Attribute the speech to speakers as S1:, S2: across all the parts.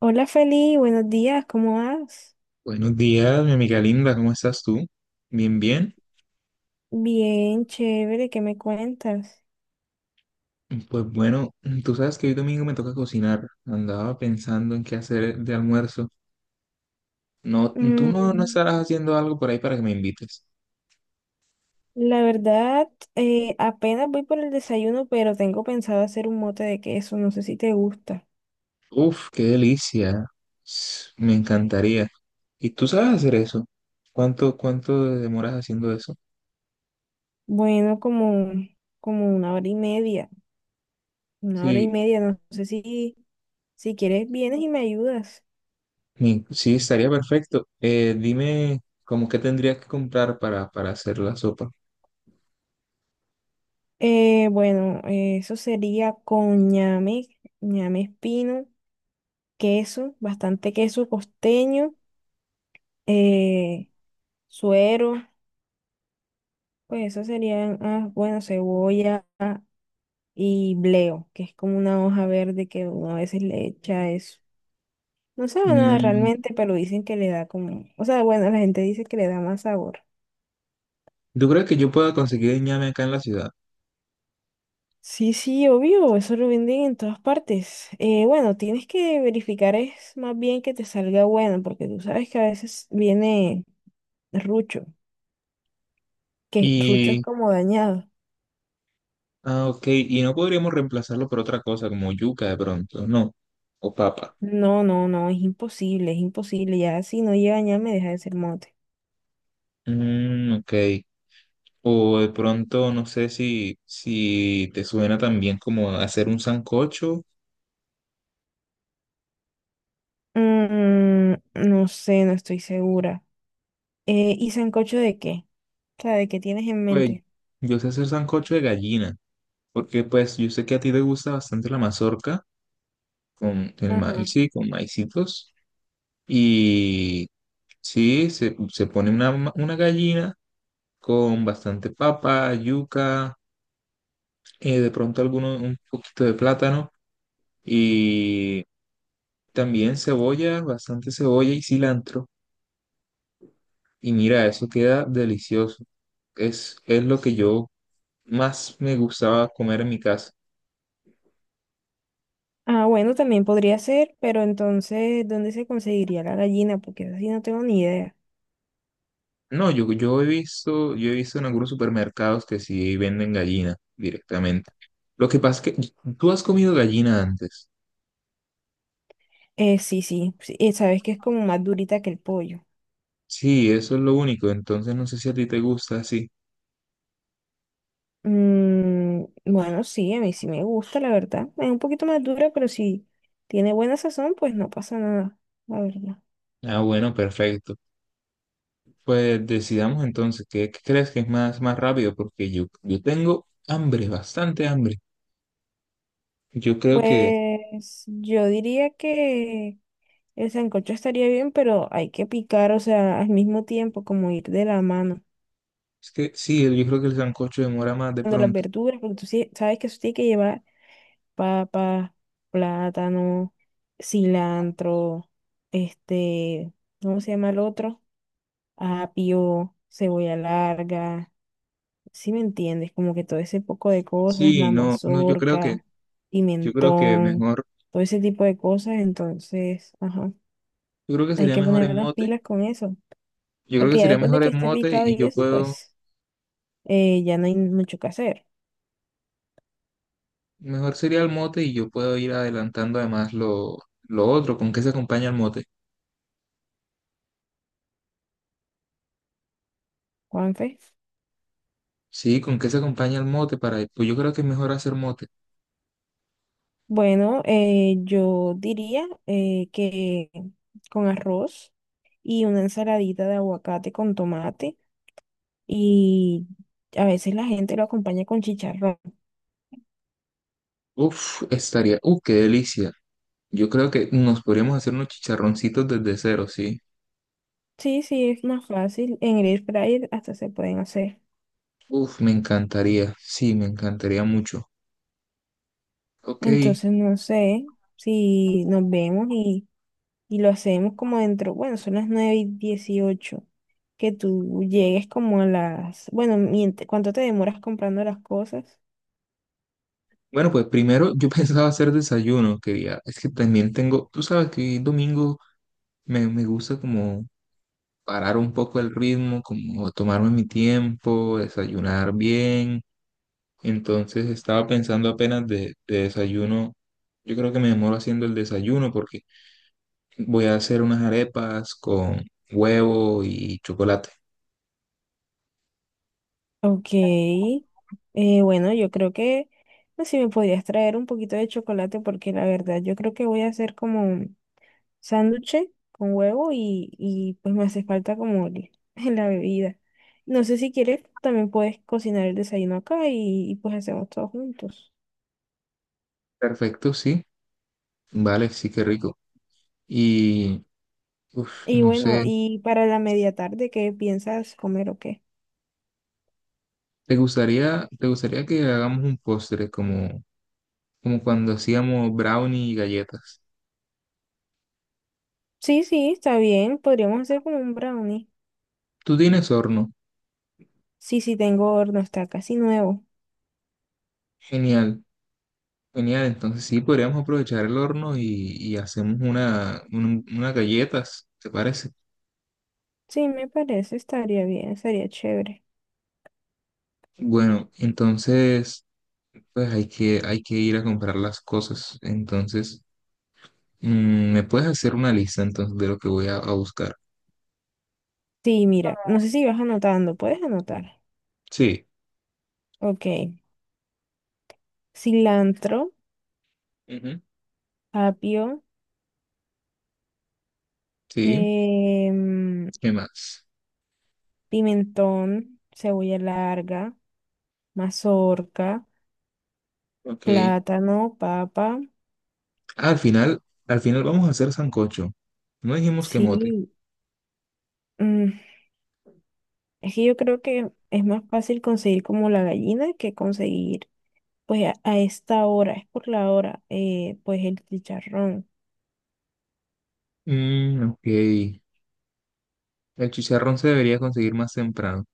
S1: Hola Feli, buenos días, ¿cómo vas?
S2: Buenos días, mi amiga linda, ¿cómo estás tú? Bien, bien.
S1: Bien, chévere, ¿qué me cuentas?
S2: Pues bueno, tú sabes que hoy domingo me toca cocinar. Andaba pensando en qué hacer de almuerzo. No, tú no
S1: Mm,
S2: estarás haciendo algo por ahí para que me invites.
S1: la verdad, Apenas voy por el desayuno, pero tengo pensado hacer un mote de queso, no sé si te gusta.
S2: Uf, qué delicia. Me encantaría. ¿Y tú sabes hacer eso? ¿Cuánto demoras haciendo eso?
S1: Bueno, como una hora y media,
S2: Sí,
S1: no sé si quieres vienes y me ayudas.
S2: sí, estaría perfecto. Dime, ¿cómo qué tendrías que comprar para hacer la sopa?
S1: Bueno, Eso sería con ñame, ñame espino, queso, bastante queso costeño, eh, suero. Pues eso serían, bueno, cebolla y bleo, que es como una hoja verde que uno a veces le echa eso. No sabe nada
S2: Mm,
S1: realmente, pero dicen que le da como, o sea, bueno, la gente dice que le da más sabor.
S2: ¿tú crees que yo pueda conseguir ñame acá en la ciudad?
S1: Sí, sí, obvio, eso lo venden en todas partes. Bueno, tienes que verificar es más bien que te salga bueno, porque tú sabes que a veces viene rucho, que rucho es
S2: Y,
S1: como dañado.
S2: ah, ok, y no podríamos reemplazarlo por otra cosa como yuca de pronto, no, o papa.
S1: No, no, no, es imposible, es imposible. Ya si no llega ya me deja de ser mote.
S2: Mm, ok, o de pronto no sé si te suena también como hacer un sancocho,
S1: No sé, no estoy segura. ¿Y sancocho de qué? O sea, ¿de qué tienes en
S2: pues
S1: mente?
S2: yo sé hacer sancocho de gallina, porque pues yo sé que a ti te gusta bastante la mazorca con el
S1: Ajá.
S2: maíz, sí, con maicitos, y sí, se pone una, una gallina con bastante papa, yuca de pronto alguno, un poquito de plátano y también cebolla, bastante cebolla y cilantro. Y mira, eso queda delicioso. Es lo que yo más me gustaba comer en mi casa.
S1: Ah, bueno, también podría ser, pero entonces, ¿dónde se conseguiría la gallina? Porque así no tengo ni idea.
S2: No, yo he visto en algunos supermercados que sí venden gallina directamente. Lo que pasa es que tú has comido gallina antes.
S1: Sí, sí, sí, sabes que es como más durita que el pollo.
S2: Sí, eso es lo único. Entonces no sé si a ti te gusta así.
S1: Bueno, sí, a mí sí me gusta, la verdad. Es un poquito más dura, pero si tiene buena sazón, pues no pasa nada, la verdad.
S2: Ah, bueno, perfecto. Pues decidamos entonces, qué crees que es más rápido? Porque yo tengo hambre, bastante hambre. Yo creo que,
S1: Pues yo diría que. El sancocho estaría bien, pero hay que picar, o sea, al mismo tiempo, como ir de la mano.
S2: es que sí, yo creo que el sancocho demora más de
S1: De las
S2: pronto.
S1: verduras, porque tú sí sabes que eso tiene que llevar papa, plátano, cilantro, este, ¿cómo se llama el otro? Apio, cebolla larga, ¿si me entiendes? Como que todo ese poco de cosas,
S2: Sí,
S1: la
S2: no, no,
S1: mazorca,
S2: yo creo que
S1: pimentón,
S2: mejor,
S1: todo ese tipo de cosas, entonces, ajá,
S2: yo creo que
S1: hay
S2: sería
S1: que
S2: mejor
S1: poner
S2: en
S1: las
S2: mote.
S1: pilas con eso.
S2: Yo creo que
S1: Porque ya
S2: sería
S1: después de
S2: mejor
S1: que
S2: en
S1: esté
S2: mote
S1: picado
S2: y
S1: y eso, pues ya no hay mucho que hacer,
S2: mejor sería el mote y yo puedo ir adelantando además lo otro, ¿con qué se acompaña el mote?
S1: Juanfe.
S2: Sí, ¿con qué se acompaña el mote para, pues yo creo que es mejor hacer mote.
S1: Bueno, yo diría que con arroz y una ensaladita de aguacate con tomate y a veces la gente lo acompaña con chicharrón.
S2: Uf, qué delicia. Yo creo que nos podríamos hacer unos chicharroncitos desde cero, ¿sí?
S1: Sí, sí, es más fácil. En el air fryer hasta se pueden hacer.
S2: Uf, me encantaría, sí, me encantaría mucho. Ok,
S1: Entonces, no sé si nos vemos y lo hacemos como dentro, bueno, son las nueve y 18. Que tú llegues como a las, bueno, ¿cuánto te demoras comprando las cosas?
S2: bueno, pues primero yo pensaba hacer desayuno, quería. Es que también tengo, tú sabes que hoy domingo me gusta como parar un poco el ritmo, como tomarme mi tiempo, desayunar bien. Entonces estaba pensando apenas de desayuno. Yo creo que me demoro haciendo el desayuno porque voy a hacer unas arepas con huevo y chocolate.
S1: Ok, bueno, yo creo que, no sé, si me podrías traer un poquito de chocolate porque la verdad yo creo que voy a hacer como un sándwich con huevo y pues me hace falta como el- la bebida. No sé si quieres, también puedes cocinar el desayuno acá y pues hacemos todos juntos.
S2: Perfecto, sí. Vale, sí, qué rico. Y, uf,
S1: Y
S2: no
S1: bueno,
S2: sé,
S1: y para la media tarde, ¿qué piensas comer o qué?
S2: te gustaría que hagamos un postre como cuando hacíamos brownie y galletas?
S1: Sí, sí, está bien. Podríamos hacer como un brownie.
S2: Tú tienes horno.
S1: Sí, sí, tengo horno, está casi nuevo.
S2: Genial, genial. Entonces sí, podríamos aprovechar el horno y hacemos una, unas galletas, ¿te parece?
S1: Sí, me parece, estaría bien, estaría chévere.
S2: Bueno, entonces, pues hay que ir a comprar las cosas. Entonces, mm, ¿me puedes hacer una lista entonces de lo que voy a buscar?
S1: Sí, mira, no sé si vas anotando, puedes anotar.
S2: Sí.
S1: Ok, cilantro,
S2: Ujú.
S1: apio,
S2: Sí.
S1: em,
S2: ¿Qué más?
S1: pimentón, cebolla larga, mazorca,
S2: Ok.
S1: plátano, papa.
S2: Ah, al final vamos a hacer sancocho. No dijimos que mote.
S1: Sí, mm, es que yo creo que es más fácil conseguir como la gallina que conseguir, pues a esta hora, es por la hora, pues el chicharrón.
S2: Mm, ok. El chicharrón se debería conseguir más temprano.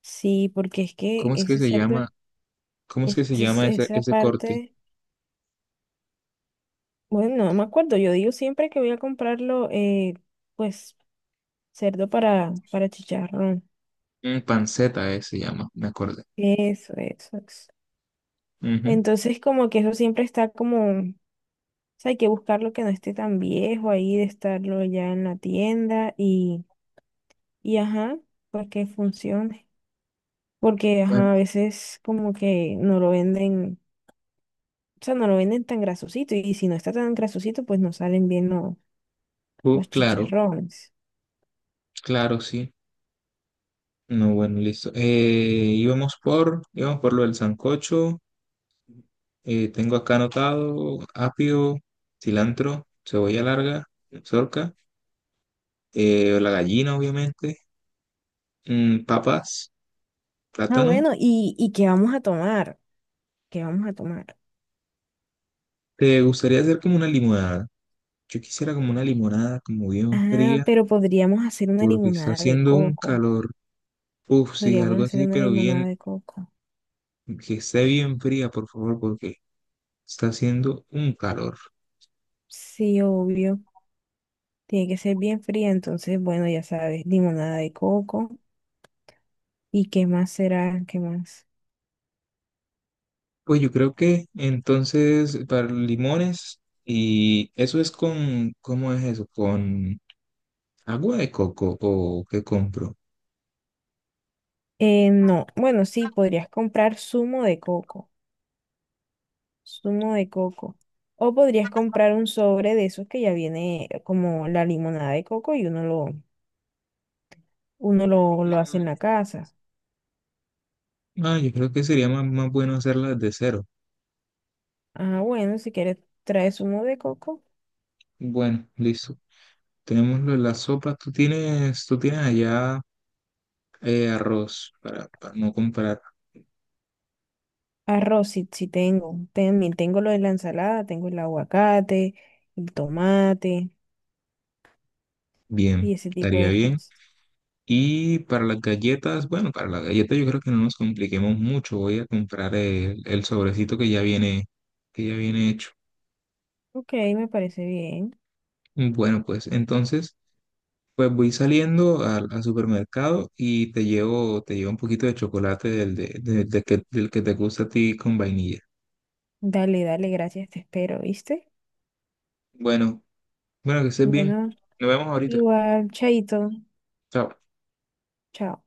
S1: Sí, porque es que
S2: ¿Cómo es que
S1: ese
S2: se
S1: cerdo,
S2: llama? ¿Cómo es que se llama
S1: esa
S2: ese corte?
S1: parte, bueno, no me acuerdo, yo digo siempre que voy a comprarlo, pues cerdo para chicharrón.
S2: Mm, panceta se llama, me acordé.
S1: Eso, eso, eso.
S2: Ujú.
S1: Entonces como que eso siempre está como, o sea, hay que buscarlo que no esté tan viejo ahí, de estarlo ya en la tienda y ajá, porque funcione. Porque
S2: Bueno,
S1: ajá, a veces como que no lo venden, o sea, no lo venden tan grasosito. Y si no está tan grasosito, pues no salen bien los
S2: claro,
S1: chicharrones.
S2: claro, sí. No, bueno, listo. Íbamos íbamos por lo del sancocho. Tengo acá anotado apio, cilantro, cebolla larga, zorca, la gallina, obviamente. Mm, papas,
S1: Ah,
S2: plátano.
S1: bueno, y qué vamos a tomar? ¿Qué vamos a tomar?
S2: ¿Te gustaría hacer como una limonada? Yo quisiera como una limonada, como bien
S1: Ah,
S2: fría,
S1: pero podríamos hacer una
S2: porque está
S1: limonada de
S2: haciendo un
S1: coco.
S2: calor. Uf, sí,
S1: Podríamos
S2: algo
S1: hacer
S2: así,
S1: una
S2: pero
S1: limonada
S2: bien,
S1: de coco.
S2: que esté bien fría, por favor, porque está haciendo un calor.
S1: Sí, obvio. Tiene que ser bien fría, entonces, bueno, ya sabes, limonada de coco. ¿Y qué más será? ¿Qué más?
S2: Pues yo creo que entonces para limones, y eso es con, ¿cómo es eso? ¿Con agua de coco o qué compro?
S1: No, bueno, sí, podrías comprar zumo de coco, zumo de coco. O podrías comprar un sobre de esos que ya viene como la limonada de coco y uno lo hace en la casa.
S2: Ah, yo creo que sería más bueno hacerlas de cero.
S1: Ah, bueno, si quieres trae zumo de coco.
S2: Bueno, listo. Tenémoslo en la sopa. Tú tienes allá arroz para no comprar.
S1: Arroz, sí, sí tengo. También tengo lo de la ensalada, tengo el aguacate, el tomate
S2: Bien,
S1: y ese tipo
S2: estaría
S1: de
S2: bien.
S1: cosas.
S2: Y para las galletas, bueno, para las galletas yo creo que no nos compliquemos mucho. Voy a comprar el sobrecito que ya viene hecho.
S1: Ok, me parece bien.
S2: Bueno, pues entonces, pues voy saliendo al supermercado y te llevo un poquito de chocolate del, de que, del que te gusta a ti con vainilla.
S1: Dale, dale, gracias, te espero, ¿viste?
S2: Bueno, bueno, que estés bien.
S1: Bueno,
S2: Nos vemos ahorita.
S1: igual, chaito,
S2: Chao.
S1: chao.